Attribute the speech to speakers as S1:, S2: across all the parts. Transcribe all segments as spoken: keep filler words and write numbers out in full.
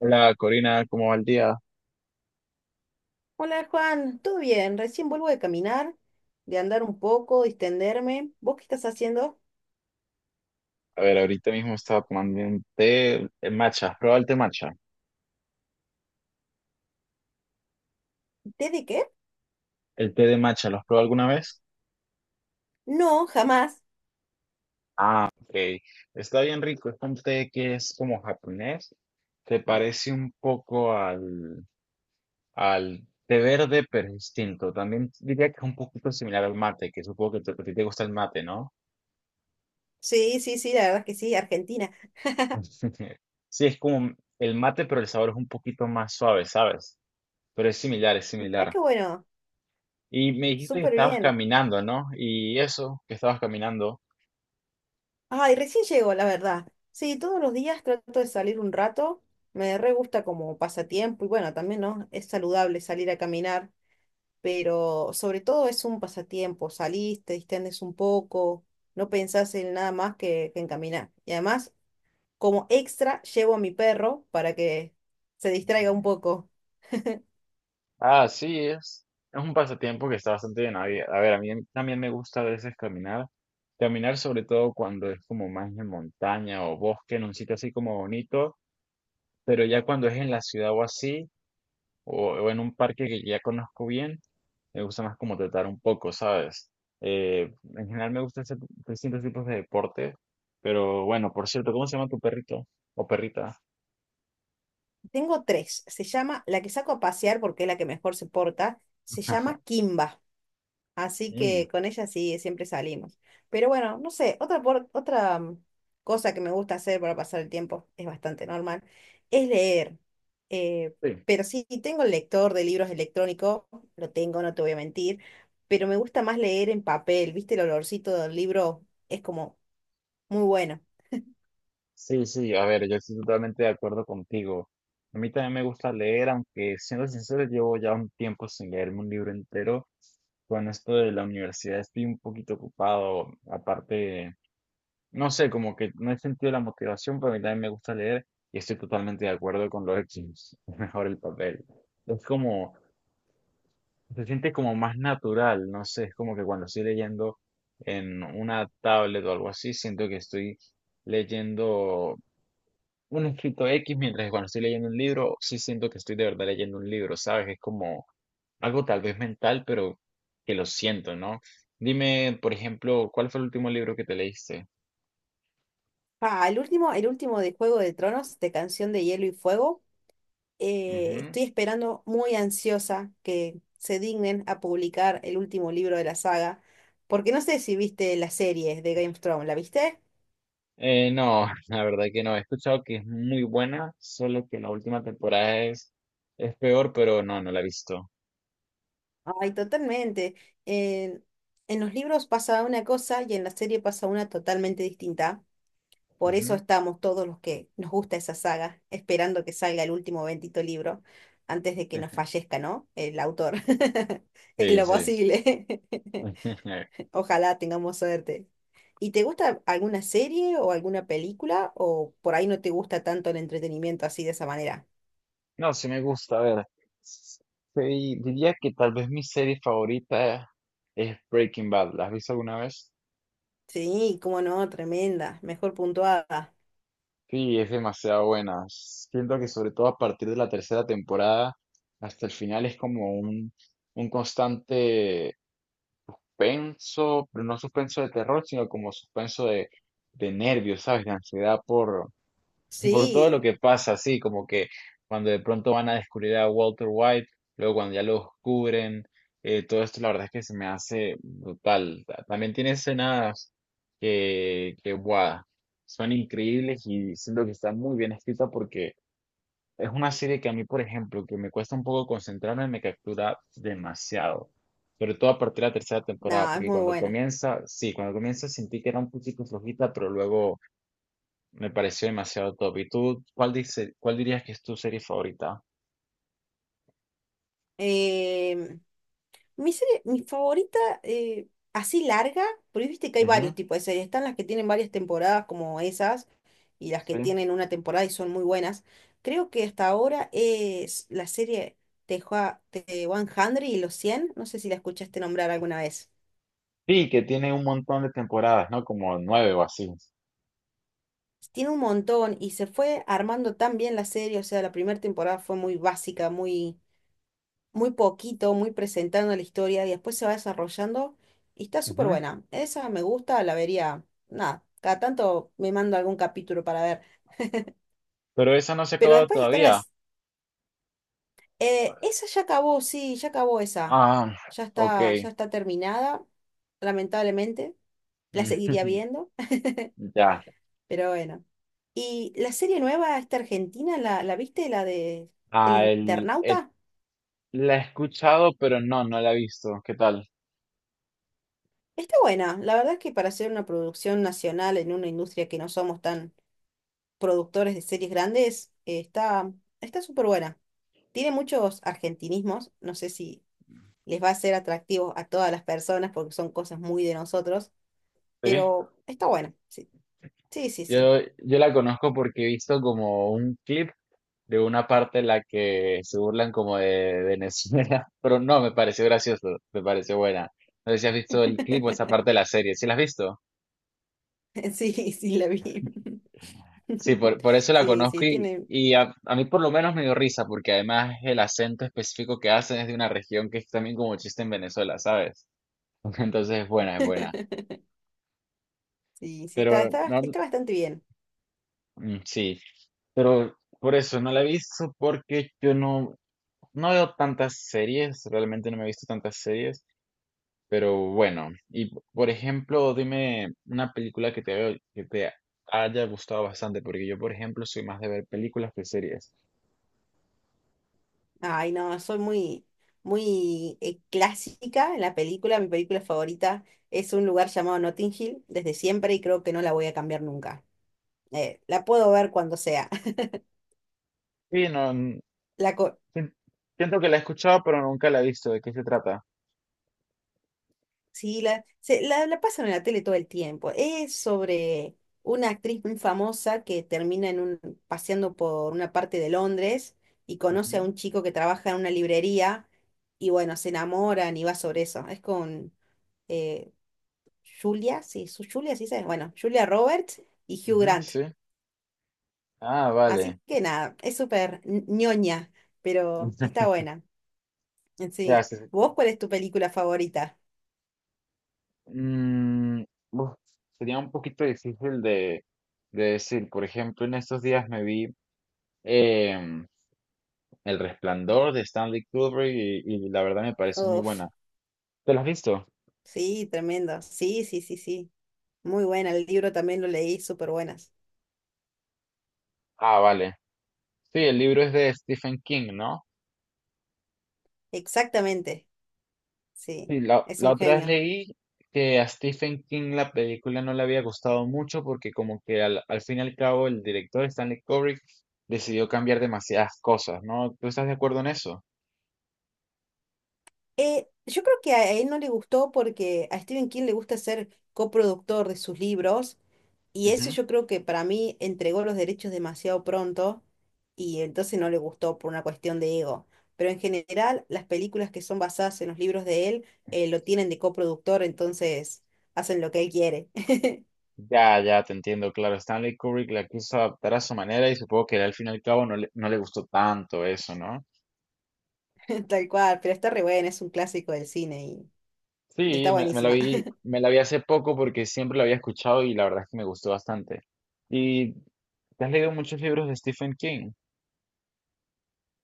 S1: Hola Corina, ¿cómo va el día?
S2: Hola Juan, ¿todo bien? Recién vuelvo de caminar, de andar un poco, distenderme. ¿Vos qué estás haciendo?
S1: A ver, ahorita mismo estaba tomando un té eh, matcha. ¿Has probado el té matcha?
S2: ¿Té de qué?
S1: El té de matcha, ¿lo has probado alguna vez?
S2: No, jamás.
S1: Ok, está bien rico. Es un té que es como japonés. Te parece un poco al, al té verde, pero es distinto. También diría que es un poquito similar al mate, que supongo que te- a ti te gusta el mate, ¿no?
S2: Sí, sí, sí, la verdad es que sí, Argentina.
S1: Sí, es como el mate, pero el sabor es un poquito más suave, ¿sabes? Pero es similar, es
S2: Mirá
S1: similar.
S2: qué bueno,
S1: Y me dijiste que
S2: súper
S1: estabas
S2: bien.
S1: caminando, ¿no? Y eso, que estabas caminando.
S2: Ay, recién llego, la verdad. Sí, todos los días trato de salir un rato. Me re gusta como pasatiempo y bueno, también, ¿no? Es saludable salir a caminar, pero sobre todo es un pasatiempo. Salís, te distendes un poco, no pensás en nada más que, que en caminar. Y además como extra, llevo a mi perro para que se distraiga un
S1: Ujú.
S2: poco.
S1: Ah, sí, es, es un pasatiempo que está bastante bien. A ver, a ver, a mí también me gusta a veces caminar. Caminar sobre todo cuando es como más en montaña o bosque, en un sitio así como bonito, pero ya cuando es en la ciudad o así, o, o en un parque que ya conozco bien, me gusta más como tratar un poco, ¿sabes? Eh, en general me gustan hacer distintos tipos de deporte, pero bueno, por cierto, ¿cómo se llama tu perrito o perrita?
S2: Tengo tres. Se llama, la que saco a pasear porque es la que mejor se porta, se llama Kimba. Así
S1: Mm.
S2: que con ella sí, siempre salimos. Pero bueno, no sé, otra, por- otra mm, cosa que me gusta hacer para pasar el tiempo, es bastante normal, es leer. Eh,
S1: Sí,
S2: pero sí, tengo el lector de libros electrónico, lo tengo, no te voy a mentir, pero me gusta más leer en papel, ¿viste? El olorcito del libro es como muy bueno.
S1: sí, sí, a ver, yo estoy totalmente de acuerdo contigo. A mí también me gusta leer, aunque siendo sincero, llevo ya un tiempo sin leerme un libro entero. Con esto de la universidad estoy un poquito ocupado. Aparte, no sé, como que no he sentido la motivación, pero a mí también me gusta leer y estoy totalmente de acuerdo con los hechos. Es mejor el papel. Es como, Se siente como más natural, no sé, es como que cuando estoy leyendo en una tablet o algo así, siento que estoy leyendo un escrito X, mientras que cuando estoy leyendo un libro, sí siento que estoy de verdad leyendo un libro, ¿sabes? Es como algo tal vez mental, pero que lo siento, ¿no? Dime, por ejemplo, ¿cuál fue el último libro que te leíste?
S2: Ah, el último, el último de Juego de Tronos, de Canción de Hielo y Fuego. Eh,
S1: Ujú.
S2: estoy esperando muy ansiosa que se dignen a publicar el último libro de la saga, porque no sé si viste la serie de Game of Thrones, ¿la viste?
S1: Eh, no, la verdad que no. He escuchado que es muy buena, solo que la última temporada es, es peor, pero no, no la he visto.
S2: Ay, totalmente. En en los libros pasa una cosa y en la serie pasa una totalmente distinta. Por eso
S1: Ujú.
S2: estamos todos los que nos gusta esa saga, esperando que salga el último bendito libro antes de que nos fallezca, ¿no? El autor. En
S1: Sí,
S2: lo
S1: sí.
S2: posible. Ojalá tengamos suerte. ¿Y te gusta alguna serie o alguna película? ¿O por ahí no te gusta tanto el entretenimiento así de esa manera?
S1: No, sí me gusta, a ver. Sí, diría que tal vez mi serie favorita es Breaking Bad. ¿La has visto alguna vez?
S2: Sí, cómo no, tremenda. Mejor puntuada.
S1: Sí, es demasiado buena. Siento que sobre todo a partir de la tercera temporada hasta el final es como un, un constante penso, pero no suspenso de terror, sino como suspenso de, de nervios, ¿sabes? De ansiedad por todo lo
S2: Sí,
S1: que pasa, sí, como que cuando de pronto van a descubrir a Walter White, luego cuando ya lo descubren, eh, todo esto la verdad es que se me hace brutal. Ta- También tiene escenas que, que guau, son increíbles y siento que está muy bien escrita porque es una serie que a mí, por ejemplo, que me cuesta un poco concentrarme, me captura demasiado. Sobre todo a partir de la tercera temporada,
S2: nada, es
S1: porque
S2: muy
S1: cuando
S2: buena.
S1: comienza, sí, cuando comienza sentí que era un poquito flojita, pero luego me pareció demasiado top. ¿Y tú cuál dice, cuál dirías que es tu serie favorita?
S2: Em, Mi serie, mi favorita, eh, así larga, porque viste que hay varios
S1: Ujú.
S2: tipos de series. Están las que tienen varias temporadas como esas y las que
S1: Sí.
S2: tienen una temporada y son muy buenas. Creo que hasta ahora es la serie de Jua- de y los cien. No sé si la escuchaste nombrar alguna vez.
S1: Sí, que tiene un montón de temporadas, ¿no? Como nueve o así.
S2: Tiene un montón y se fue armando tan bien la serie. O sea, la primera temporada fue muy básica, muy muy poquito, muy presentando la historia y después se va desarrollando y está súper
S1: Ujú.
S2: buena. Esa me gusta, la vería, nada, cada tanto me mando algún capítulo para ver.
S1: Pero esa no se ha
S2: Pero
S1: acabado
S2: después están
S1: todavía.
S2: las eh, esa ya acabó, sí, ya acabó esa.
S1: Ah,
S2: Ya
S1: ok.
S2: está, ya está terminada, lamentablemente. La seguiría viendo,
S1: Ya.
S2: pero bueno. Y la serie nueva, esta argentina, ¿la, la viste? La de El
S1: Ah, el- eh,
S2: Internauta.
S1: la he escuchado, pero no, no la he visto. ¿Qué tal?
S2: Está buena. La verdad es que para hacer una producción nacional en una industria que no somos tan productores de series grandes, eh, está, está súper buena. Tiene muchos argentinismos, no sé si les va a ser atractivo a todas las personas porque son cosas muy de nosotros,
S1: Sí.
S2: pero está buena. Sí, sí, sí. Sí,
S1: Yo, yo la conozco porque he visto como un clip de una parte en la que se burlan como de Venezuela, pero no, me pareció gracioso, me pareció buena. No sé si has visto el clip o esa parte de la serie, ¿sí la has visto?
S2: sí, sí la vi.
S1: Sí, por, por eso la
S2: Sí,
S1: conozco
S2: sí,
S1: y,
S2: tiene.
S1: y a, a mí por lo menos me dio risa, porque además el acento específico que hacen es de una región que es también como chiste en Venezuela, ¿sabes? Entonces es buena, es buena.
S2: Sí, sí, está,
S1: Pero
S2: está,
S1: no,
S2: está bastante bien.
S1: mm, sí, por eso no la he visto porque yo no, no veo tantas series, realmente no me he visto tantas series, pero bueno. Y por ejemplo, dime una película que te veo- que te haya gustado bastante, porque yo, por ejemplo, soy más de ver películas que series.
S2: Ay, no, soy muy, muy eh, clásica en la película. Mi película favorita es un lugar llamado Notting Hill desde siempre y creo que no la voy a cambiar nunca. Eh, la puedo ver cuando sea.
S1: Sí, no, n-
S2: La co-
S1: sien- siento que la he escuchado, pero nunca la he visto. ¿De qué se trata?
S2: sí, la, se- la, la pasan en la tele todo el tiempo. Es sobre una actriz muy famosa que termina en un, paseando por una parte de Londres y conoce a
S1: Ujú,
S2: un chico que trabaja en una librería y bueno, se enamoran y va sobre eso. Es con eh, Julia, sí, su Julia, sí se, bueno, Julia Roberts y Hugh
S1: ujú.
S2: Grant.
S1: Sí. Ah,
S2: Así
S1: vale.
S2: que nada, es súper ñ- ñoña, pero está buena.
S1: Ya,
S2: Sí.
S1: sí, sí.
S2: ¿Vos cuál es tu película favorita?
S1: Mm, uf, sería un poquito difícil de, de decir. Por ejemplo, en estos días me vi. em, El Resplandor de Stanley Kubrick y, y la verdad me parece muy
S2: Uf,
S1: buena. ¿Te la has visto?
S2: sí, tremendo. Sí, sí, sí, sí. Muy buena, el libro también lo leí, súper buenas.
S1: Ah, vale. Sí, el libro es de Stephen King, ¿no?
S2: Exactamente, sí,
S1: Sí, la,
S2: es
S1: la
S2: un
S1: otra vez
S2: genio.
S1: leí que a Stephen King la película no le había gustado mucho porque como que al, al fin y al cabo el director Stanley Kubrick decidió cambiar demasiadas cosas, ¿no? ¿Tú estás de acuerdo en eso?
S2: Eh, yo creo que a él no le gustó porque a Stephen King le gusta ser coproductor de sus libros y eso
S1: Ujú.
S2: yo creo que para mí entregó los derechos demasiado pronto y entonces no le gustó por una cuestión de ego. Pero en general las películas que son basadas en los libros de él eh, lo tienen de coproductor, entonces hacen lo que él quiere,
S1: Ya, ya, te entiendo, claro. Stanley Kubrick la quiso adaptar a su manera y supongo que al fin y al cabo no le, no le gustó tanto eso, ¿no?
S2: tal cual, pero está re bueno, es un clásico del cine y, y está
S1: Sí, me, me la
S2: buenísima.
S1: vi, me la vi hace poco porque siempre la había escuchado y la verdad es que me gustó bastante. ¿Y te has leído muchos libros de Stephen King?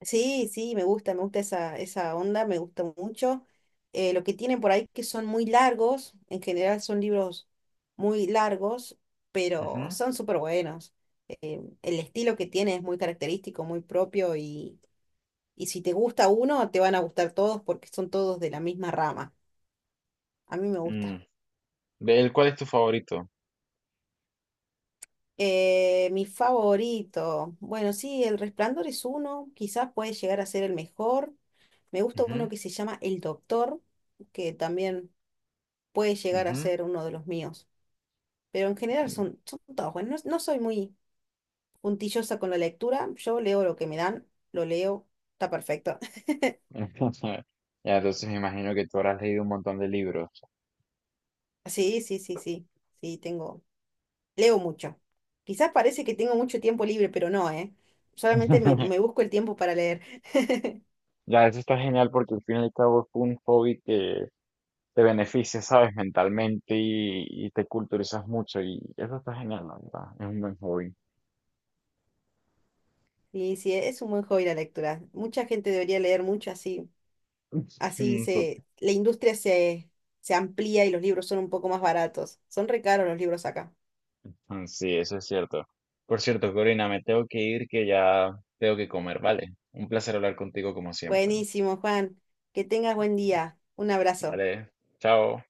S2: Sí, sí, me gusta, me gusta esa, esa onda, me gusta mucho. Eh, lo que tienen por ahí que son muy largos, en general son libros muy largos, pero
S1: Ujú.
S2: son súper buenos. Eh, el estilo que tiene es muy característico, muy propio y, y si te gusta uno, te van a gustar todos porque son todos de la misma rama. A mí me
S1: Mm,
S2: gusta.
S1: ¿de él cuál es tu favorito?
S2: Eh, mi favorito, bueno, sí, El Resplandor es uno, quizás puede llegar a ser el mejor. Me gusta uno
S1: Ujú,
S2: que se llama El Doctor que también puede llegar a
S1: ujú.
S2: ser uno de los míos. Pero en general son, son todos buenos. No, no soy muy puntillosa con la lectura. Yo leo lo que me dan, lo leo, está perfecto.
S1: Ya, entonces me imagino que tú habrás leído un montón de libros.
S2: Sí, sí, sí, sí. Sí, tengo. Leo mucho. Quizás parece que tengo mucho tiempo libre, pero no, ¿eh? Solamente me, me busco el tiempo para leer.
S1: Ya, eso está genial porque al fin y al cabo es un hobby que te beneficia, ¿sabes? Mentalmente y, y te culturizas mucho y eso está genial, la verdad. Es un buen hobby.
S2: Y sí, es un buen hobby la lectura. Mucha gente debería leer mucho así. Así
S1: Mm.
S2: se, la industria se, se amplía y los libros son un poco más baratos. Son re caros los libros acá.
S1: Mm. Sí, eso es cierto. Por cierto, Corina, me tengo que ir que ya tengo que comer, ¿vale? Un placer hablar contigo como siempre.
S2: Buenísimo, Juan. Que tengas buen día. Un abrazo.
S1: Vale, chao.